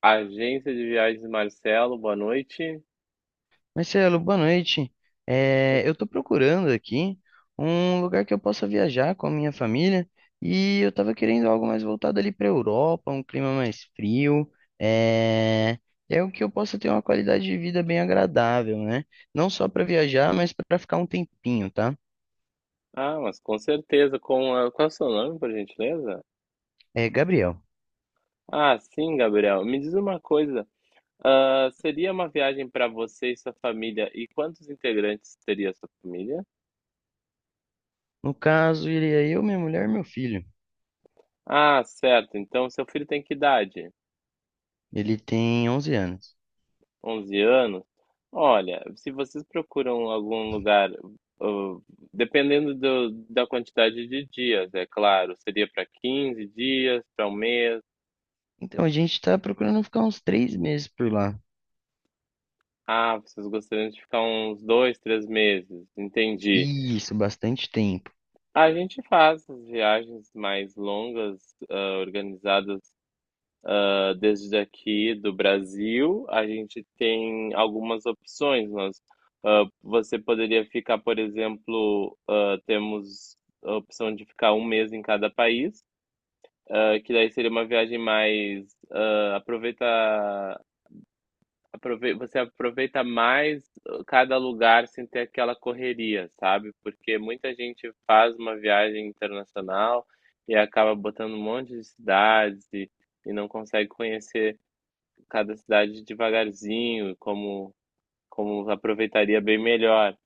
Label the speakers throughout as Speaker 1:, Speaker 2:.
Speaker 1: Agência de viagens Marcelo, boa noite.
Speaker 2: Marcelo, boa noite.
Speaker 1: Co-
Speaker 2: Eu estou procurando aqui um lugar que eu possa viajar com a minha família e eu estava querendo algo mais voltado ali para a Europa, um clima mais frio, é, é o que eu possa ter uma qualidade de vida bem agradável, né? Não só para viajar, mas para ficar um tempinho, tá?
Speaker 1: Ah, mas com certeza. Qual é o seu nome, por gentileza?
Speaker 2: É, Gabriel,
Speaker 1: Ah, sim, Gabriel. Me diz uma coisa. Ah, seria uma viagem para você e sua família? E quantos integrantes teria a sua família?
Speaker 2: no caso, iria eu, minha mulher e meu filho.
Speaker 1: Ah, certo. Então, seu filho tem que idade?
Speaker 2: Ele tem 11 anos.
Speaker 1: 11 anos? Olha, se vocês procuram algum lugar, ah, dependendo da quantidade de dias, é claro, seria para 15 dias, para um mês.
Speaker 2: Então, a gente está procurando ficar uns 3 meses por lá.
Speaker 1: Ah, vocês gostariam de ficar uns 2, 3 meses, entendi.
Speaker 2: Isso, bastante tempo.
Speaker 1: A gente faz as viagens mais longas, organizadas, desde aqui do Brasil. A gente tem algumas opções, você poderia ficar, por exemplo. Temos a opção de ficar um mês em cada país, que daí seria uma viagem mais. Hã, aproveita Aprove Você aproveita mais cada lugar sem ter aquela correria, sabe, porque muita gente faz uma viagem internacional e acaba botando um monte de cidades e não consegue conhecer cada cidade devagarzinho, como aproveitaria bem melhor.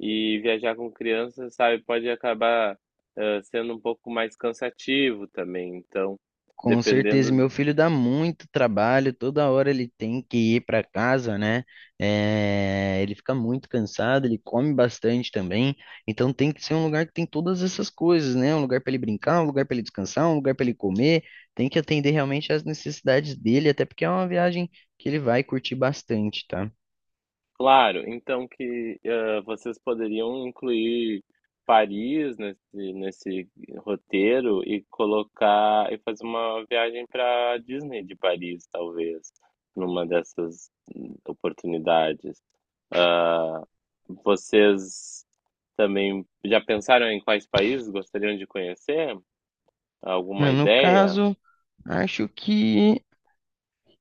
Speaker 1: E viajar com criança, sabe, pode acabar, sendo um pouco mais cansativo também, então,
Speaker 2: Com certeza,
Speaker 1: dependendo.
Speaker 2: meu filho dá muito trabalho, toda hora ele tem que ir para casa, né? É, ele fica muito cansado, ele come bastante também, então tem que ser um lugar que tem todas essas coisas, né? Um lugar para ele brincar, um lugar para ele descansar, um lugar para ele comer, tem que atender realmente às necessidades dele, até porque é uma viagem que ele vai curtir bastante, tá?
Speaker 1: Claro, então que, vocês poderiam incluir Paris nesse roteiro e colocar e fazer uma viagem pra Disney de Paris, talvez, numa dessas oportunidades. Hã, Vocês também já pensaram em quais países gostariam de conhecer? Alguma
Speaker 2: No
Speaker 1: ideia?
Speaker 2: caso, acho que.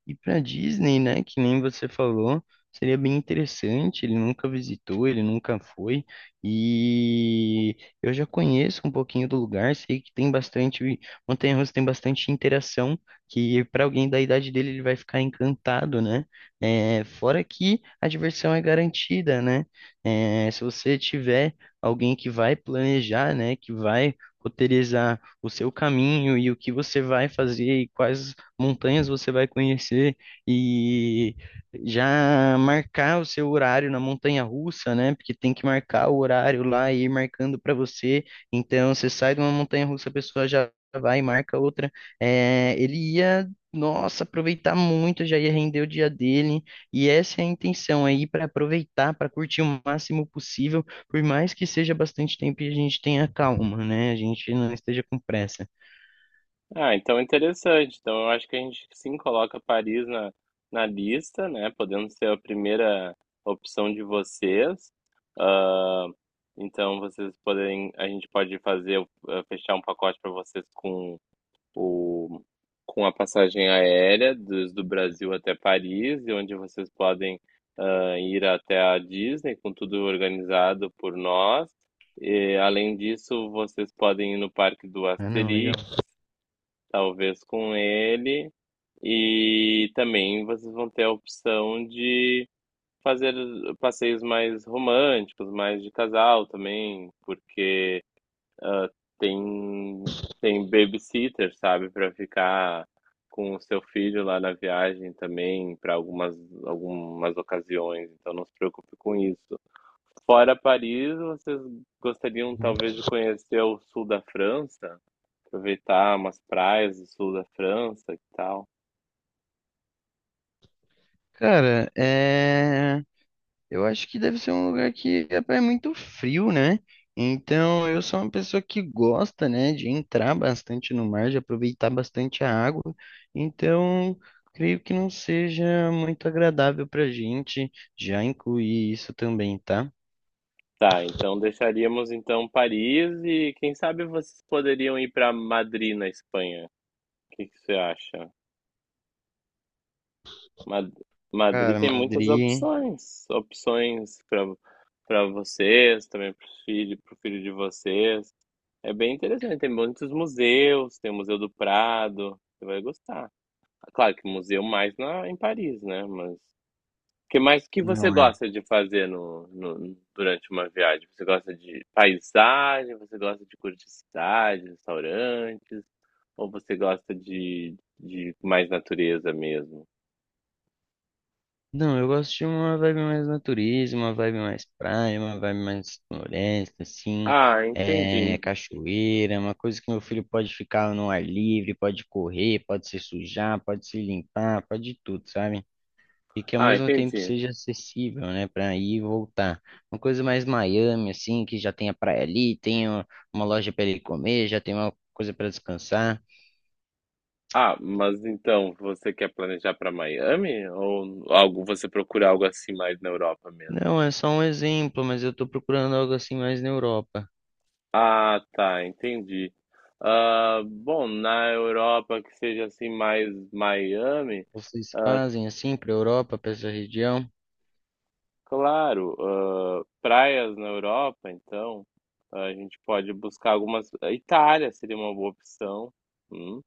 Speaker 2: E para Disney, né, que nem você falou, seria bem interessante. Ele nunca visitou, ele nunca foi. E eu já conheço um pouquinho do lugar, sei que tem bastante montanha-russa, tem bastante interação, que para alguém da idade dele ele vai ficar encantado, né? É, fora que a diversão é garantida, né? É, se você tiver alguém que vai planejar, né, que vai roteirizar o seu caminho e o que você vai fazer e quais montanhas você vai conhecer e já marcar o seu horário na montanha-russa, né? Porque tem que marcar o horário lá e ir marcando para você. Então você sai de uma montanha-russa, a pessoa já vai e marca outra. É, ele ia, nossa, aproveitar muito, já ia render o dia dele. E essa é a intenção aí para aproveitar, para curtir o máximo possível, por mais que seja bastante tempo e a gente tenha calma, né? A gente não esteja com pressa.
Speaker 1: Ah, então é interessante. Então eu acho que a gente sim coloca Paris na lista, né? Podendo ser a primeira opção de vocês. Ah, então vocês podem, a gente pode fazer, fechar um pacote para vocês o, com a passagem aérea desde o Brasil até Paris, e onde vocês podem ir até a Disney com tudo organizado por nós. E, além disso, vocês podem ir no Parque do
Speaker 2: Ah, não, legal.
Speaker 1: Asterix talvez com ele. E também vocês vão ter a opção de fazer passeios mais românticos, mais de casal também, porque ah, tem tem babysitter, sabe, para ficar com o seu filho lá na viagem também para algumas ocasiões. Então não se preocupe com isso. Fora Paris, vocês gostariam talvez de conhecer o sul da França? Aproveitar umas praias do sul da França e tal.
Speaker 2: Cara, é... eu acho que deve ser um lugar que é muito frio, né? Então, eu sou uma pessoa que gosta, né, de entrar bastante no mar, de aproveitar bastante a água. Então, creio que não seja muito agradável pra gente já incluir isso também, tá?
Speaker 1: Tá, então deixaríamos então Paris e quem sabe vocês poderiam ir para Madrid na Espanha. O que que você acha? Mad- Madrid
Speaker 2: Cara,
Speaker 1: tem muitas
Speaker 2: Madrid
Speaker 1: opções, opções para vocês, também para o filho, para filho de vocês. É bem interessante, tem muitos museus, tem o Museu do Prado, você vai gostar. Claro que museu mais em Paris, né? Mas que mais que você
Speaker 2: não é.
Speaker 1: gosta de fazer durante uma viagem? Você gosta de paisagem? Você gosta de curtiçais, restaurantes? Ou você gosta de mais natureza mesmo?
Speaker 2: Não, eu gosto de uma vibe mais natureza, uma vibe mais praia, uma vibe mais floresta, assim,
Speaker 1: Ah,
Speaker 2: é,
Speaker 1: entendi.
Speaker 2: cachoeira, uma coisa que meu filho pode ficar no ar livre, pode correr, pode se sujar, pode se limpar, pode tudo, sabe? E que ao
Speaker 1: Ah,
Speaker 2: mesmo tempo
Speaker 1: entendi.
Speaker 2: seja acessível, né, para ir e voltar. Uma coisa mais Miami, assim, que já tem a praia ali, tem uma loja para ele comer, já tem uma coisa para descansar.
Speaker 1: Ah, mas então você quer planejar para Miami, ou algo? Você procura algo assim mais na Europa mesmo?
Speaker 2: Não, é só um exemplo, mas eu tô procurando algo assim mais na Europa.
Speaker 1: Ah, tá, entendi. Ah, bom, na Europa que seja assim mais Miami,
Speaker 2: Vocês
Speaker 1: ah,
Speaker 2: fazem assim para a Europa, para essa região?
Speaker 1: claro. Praias na Europa, então, a gente pode buscar algumas. A Itália seria uma boa opção, hum,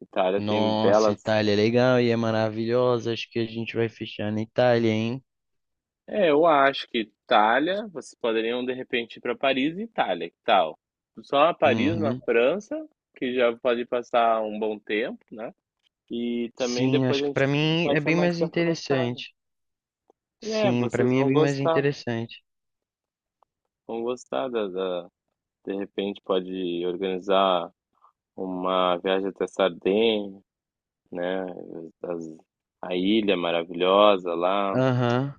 Speaker 1: Itália tem
Speaker 2: Nossa,
Speaker 1: belas.
Speaker 2: Itália é legal e é maravilhosa. Acho que a gente vai fechar na Itália, hein?
Speaker 1: É, eu acho que Itália, vocês poderiam de repente ir para Paris e Itália, que tal? Só Paris na
Speaker 2: Uhum.
Speaker 1: França, que já pode passar um bom tempo, né, e também
Speaker 2: Sim,
Speaker 1: depois
Speaker 2: acho
Speaker 1: a
Speaker 2: que
Speaker 1: gente
Speaker 2: para mim
Speaker 1: vai
Speaker 2: é
Speaker 1: fecha
Speaker 2: bem
Speaker 1: mais
Speaker 2: mais
Speaker 1: tempo na Itália.
Speaker 2: interessante.
Speaker 1: É,
Speaker 2: Sim, para
Speaker 1: vocês
Speaker 2: mim é bem mais interessante.
Speaker 1: vão gostar da de repente pode organizar uma viagem até Sardenha, né? as- a ilha maravilhosa lá.
Speaker 2: Aham.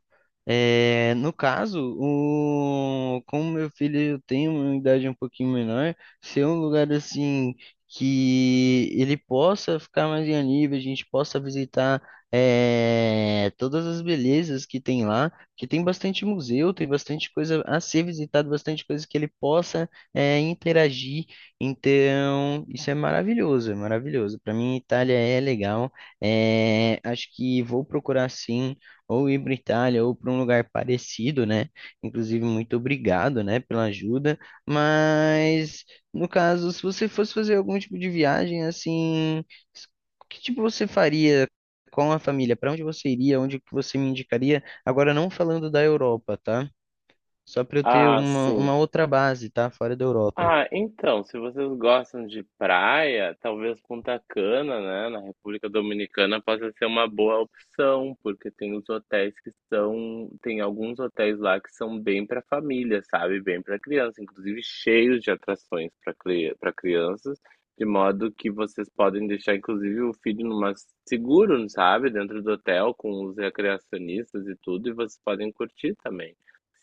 Speaker 2: No caso, o, como meu filho tem uma idade um pouquinho menor, ser um lugar assim que ele possa ficar mais em nível, a gente possa visitar todas as belezas que tem lá, que tem bastante museu, tem bastante coisa a ser visitado, bastante coisa que ele possa interagir. Então, isso é maravilhoso, é maravilhoso. Para mim, Itália é legal. É, acho que vou procurar sim ou ir para Itália ou para um lugar parecido, né? Inclusive, muito obrigado, né, pela ajuda. Mas, no caso, se você fosse fazer algum tipo de viagem, assim, s- que tipo você faria com a família? Para onde você iria? Onde que você me indicaria? Agora, não falando da Europa, tá? Só para eu ter
Speaker 1: Ah, sim.
Speaker 2: uma outra base, tá? Fora da Europa.
Speaker 1: Ah, então, se vocês gostam de praia, talvez Punta Cana, né, na República Dominicana possa ser uma boa opção, porque tem os hotéis que são, tem alguns hotéis lá que são bem para família, sabe, bem para criança, inclusive cheios de atrações para crianças, de modo que vocês podem deixar inclusive o filho numa seguro, sabe, dentro do hotel com os recreacionistas e tudo, e vocês podem curtir também.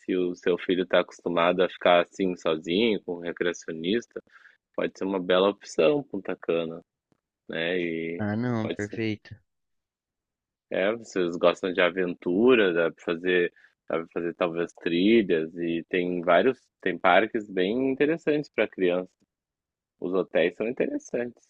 Speaker 1: Se o seu filho está acostumado a ficar assim sozinho, com um recreacionista, pode ser uma bela opção Punta Cana, né? E
Speaker 2: Ah, não,
Speaker 1: pode ser.
Speaker 2: perfeito.
Speaker 1: É, vocês gostam de aventura, dá pra fazer talvez trilhas e tem vários, tem parques bem interessantes para criança. Os hotéis são interessantes.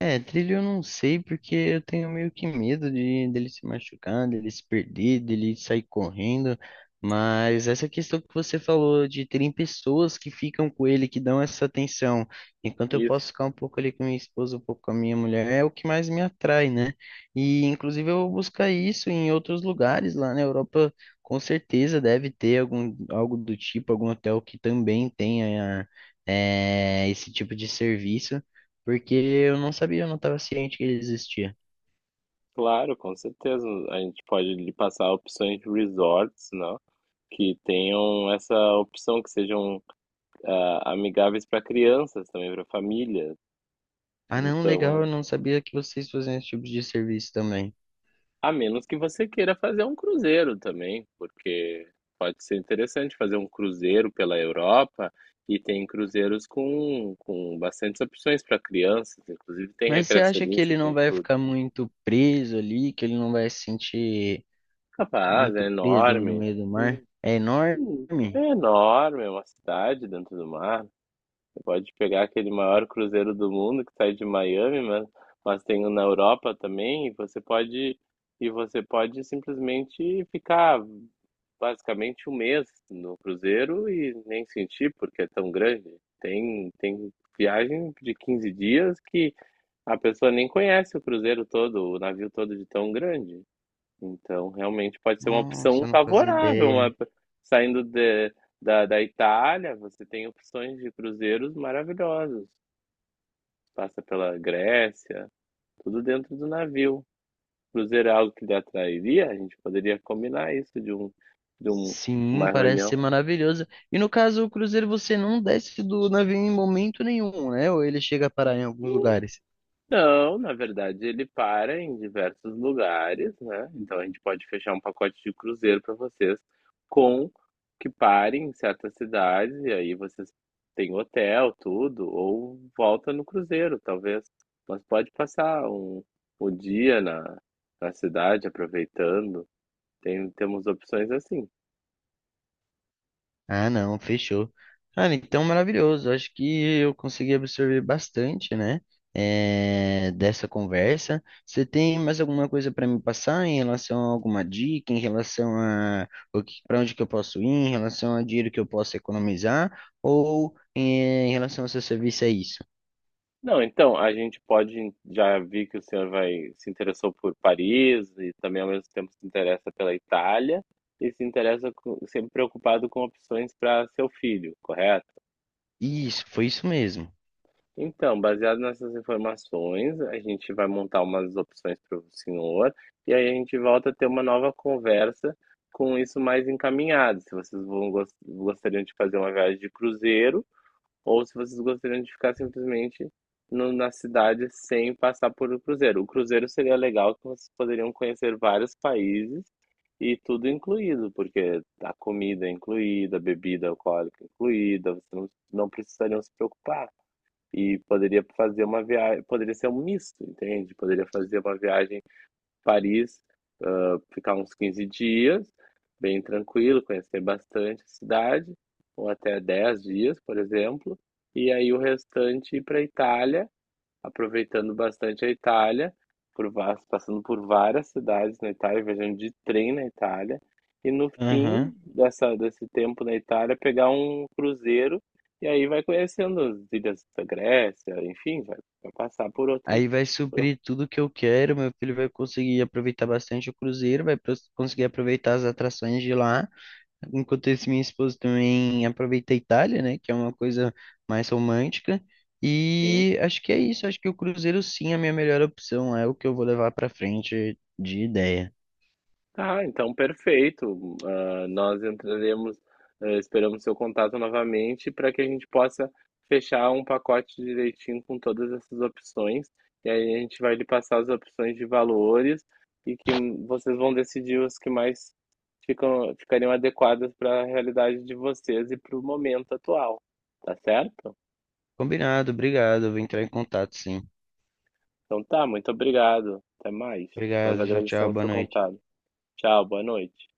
Speaker 2: É, trilho eu não sei porque eu tenho meio que medo de dele se machucar, dele se perder, dele sair correndo. Mas essa questão que você falou de terem pessoas que ficam com ele, que dão essa atenção, enquanto eu posso
Speaker 1: Isso,
Speaker 2: ficar um pouco ali com minha esposa, um pouco com a minha mulher, é o que mais me atrai, né? E inclusive eu vou buscar isso em outros lugares lá na Europa, com certeza deve ter algum algo do tipo, algum hotel que também tenha esse tipo de serviço. Porque eu não sabia, eu não estava ciente que ele existia.
Speaker 1: claro, com certeza. A gente pode lhe passar opções de resorts, não? Que tenham essa opção, que sejam amigáveis para crianças também, para famílias.
Speaker 2: Ah, não,
Speaker 1: Então,
Speaker 2: legal,
Speaker 1: a
Speaker 2: eu não sabia que vocês faziam esse tipo de serviço também.
Speaker 1: a menos que você queira fazer um cruzeiro também, porque pode ser interessante fazer um cruzeiro pela Europa, e tem cruzeiros com bastantes opções para crianças, inclusive tem
Speaker 2: Mas você acha que
Speaker 1: recreacionista,
Speaker 2: ele não
Speaker 1: tem
Speaker 2: vai
Speaker 1: tudo.
Speaker 2: ficar muito preso ali, que ele não vai se sentir
Speaker 1: Capaz, é
Speaker 2: muito preso ali no
Speaker 1: enorme.
Speaker 2: meio do mar?
Speaker 1: Hum,
Speaker 2: É enorme?
Speaker 1: hum, É enorme, é uma cidade dentro do mar. Você pode pegar aquele maior cruzeiro do mundo que sai de Miami, mas tem um na Europa também, e você pode simplesmente ficar basicamente um mês no cruzeiro e nem senti porque é tão grande. Tem viagem de 15 dias que a pessoa nem conhece o cruzeiro todo, o navio todo de tão grande. Então, realmente pode ser uma
Speaker 2: Nossa,
Speaker 1: opção
Speaker 2: eu não fazia
Speaker 1: favorável.
Speaker 2: ideia.
Speaker 1: Saindo de- Da Itália, você tem opções de cruzeiros maravilhosos. Passa pela Grécia, tudo dentro do navio. Cruzeiro é algo que lhe atrairia? A gente poderia combinar isso de um,
Speaker 2: Sim,
Speaker 1: uma
Speaker 2: parece ser
Speaker 1: reunião.
Speaker 2: maravilhoso. E no caso, o cruzeiro você não desce do navio em momento nenhum, né? Ou ele chega a parar em alguns lugares?
Speaker 1: Não, na verdade ele para em diversos lugares, né, então a gente pode fechar um pacote de cruzeiro para vocês com que pare em certas cidades, e aí vocês têm hotel, tudo, ou volta no cruzeiro talvez. Mas pode passar um o dia na cidade aproveitando, temos opções assim.
Speaker 2: Ah, não, fechou. Cara, então maravilhoso. Acho que eu consegui absorver bastante, né? Dessa conversa. Você tem mais alguma coisa para me passar em relação a alguma dica, em relação a o que, para onde que eu posso ir, em relação a dinheiro que eu posso economizar, ou em relação ao seu serviço é isso?
Speaker 1: Não, então, a gente pode já vi que o senhor vai se interessou por Paris e também ao mesmo tempo se interessa pela Itália e se interessa com, sempre preocupado com opções para seu filho, correto?
Speaker 2: Isso, foi isso mesmo.
Speaker 1: Então, baseado nessas informações, a gente vai montar umas opções para o senhor e aí a gente volta a ter uma nova conversa com isso mais encaminhado. Se vocês vão gostariam de fazer uma viagem de cruzeiro, ou se vocês gostariam de ficar simplesmente na cidade sem passar por o cruzeiro. O cruzeiro seria legal, que vocês poderiam conhecer vários países e tudo incluído, porque a comida é incluída, a bebida alcoólica é incluída, vocês não, não precisariam se preocupar. E poderia fazer uma viagem, poderia ser um misto, entende? Poderia fazer uma viagem Paris, ficar uns 15 dias, bem tranquilo, conhecer bastante a cidade, ou até 10 dias, por exemplo, e aí o restante ir para a Itália, aproveitando bastante a Itália, por va passando por várias cidades na Itália, viajando de trem na Itália, e no fim
Speaker 2: Aham.
Speaker 1: dessa desse tempo na Itália, pegar um cruzeiro, e aí vai conhecendo as ilhas da Grécia, enfim, vai passar por outros
Speaker 2: Aí vai
Speaker 1: por
Speaker 2: suprir tudo que eu quero. Meu filho vai conseguir aproveitar bastante o cruzeiro, conseguir aproveitar as atrações de lá. Enquanto isso, minha esposa também aproveita a Itália, né? Que é uma coisa mais romântica.
Speaker 1: outros
Speaker 2: E acho que é isso. Acho que o cruzeiro sim é a minha melhor opção. É o que eu vou levar pra frente de ideia.
Speaker 1: Tá, então perfeito. Ah, nós entraremos, esperamos seu contato novamente para que a gente possa fechar um pacote direitinho com todas essas opções. E aí a gente vai lhe passar as opções de valores, e que vocês vão decidir os que mais ficariam adequadas para a realidade de vocês e para o momento atual. Tá certo?
Speaker 2: Combinado, obrigado. Eu vou entrar em contato, sim.
Speaker 1: Então tá, muito obrigado. Até mais. Nós
Speaker 2: Obrigado, tchau, tchau,
Speaker 1: agradecemos
Speaker 2: boa
Speaker 1: seu
Speaker 2: noite.
Speaker 1: contato. Tchau, boa noite.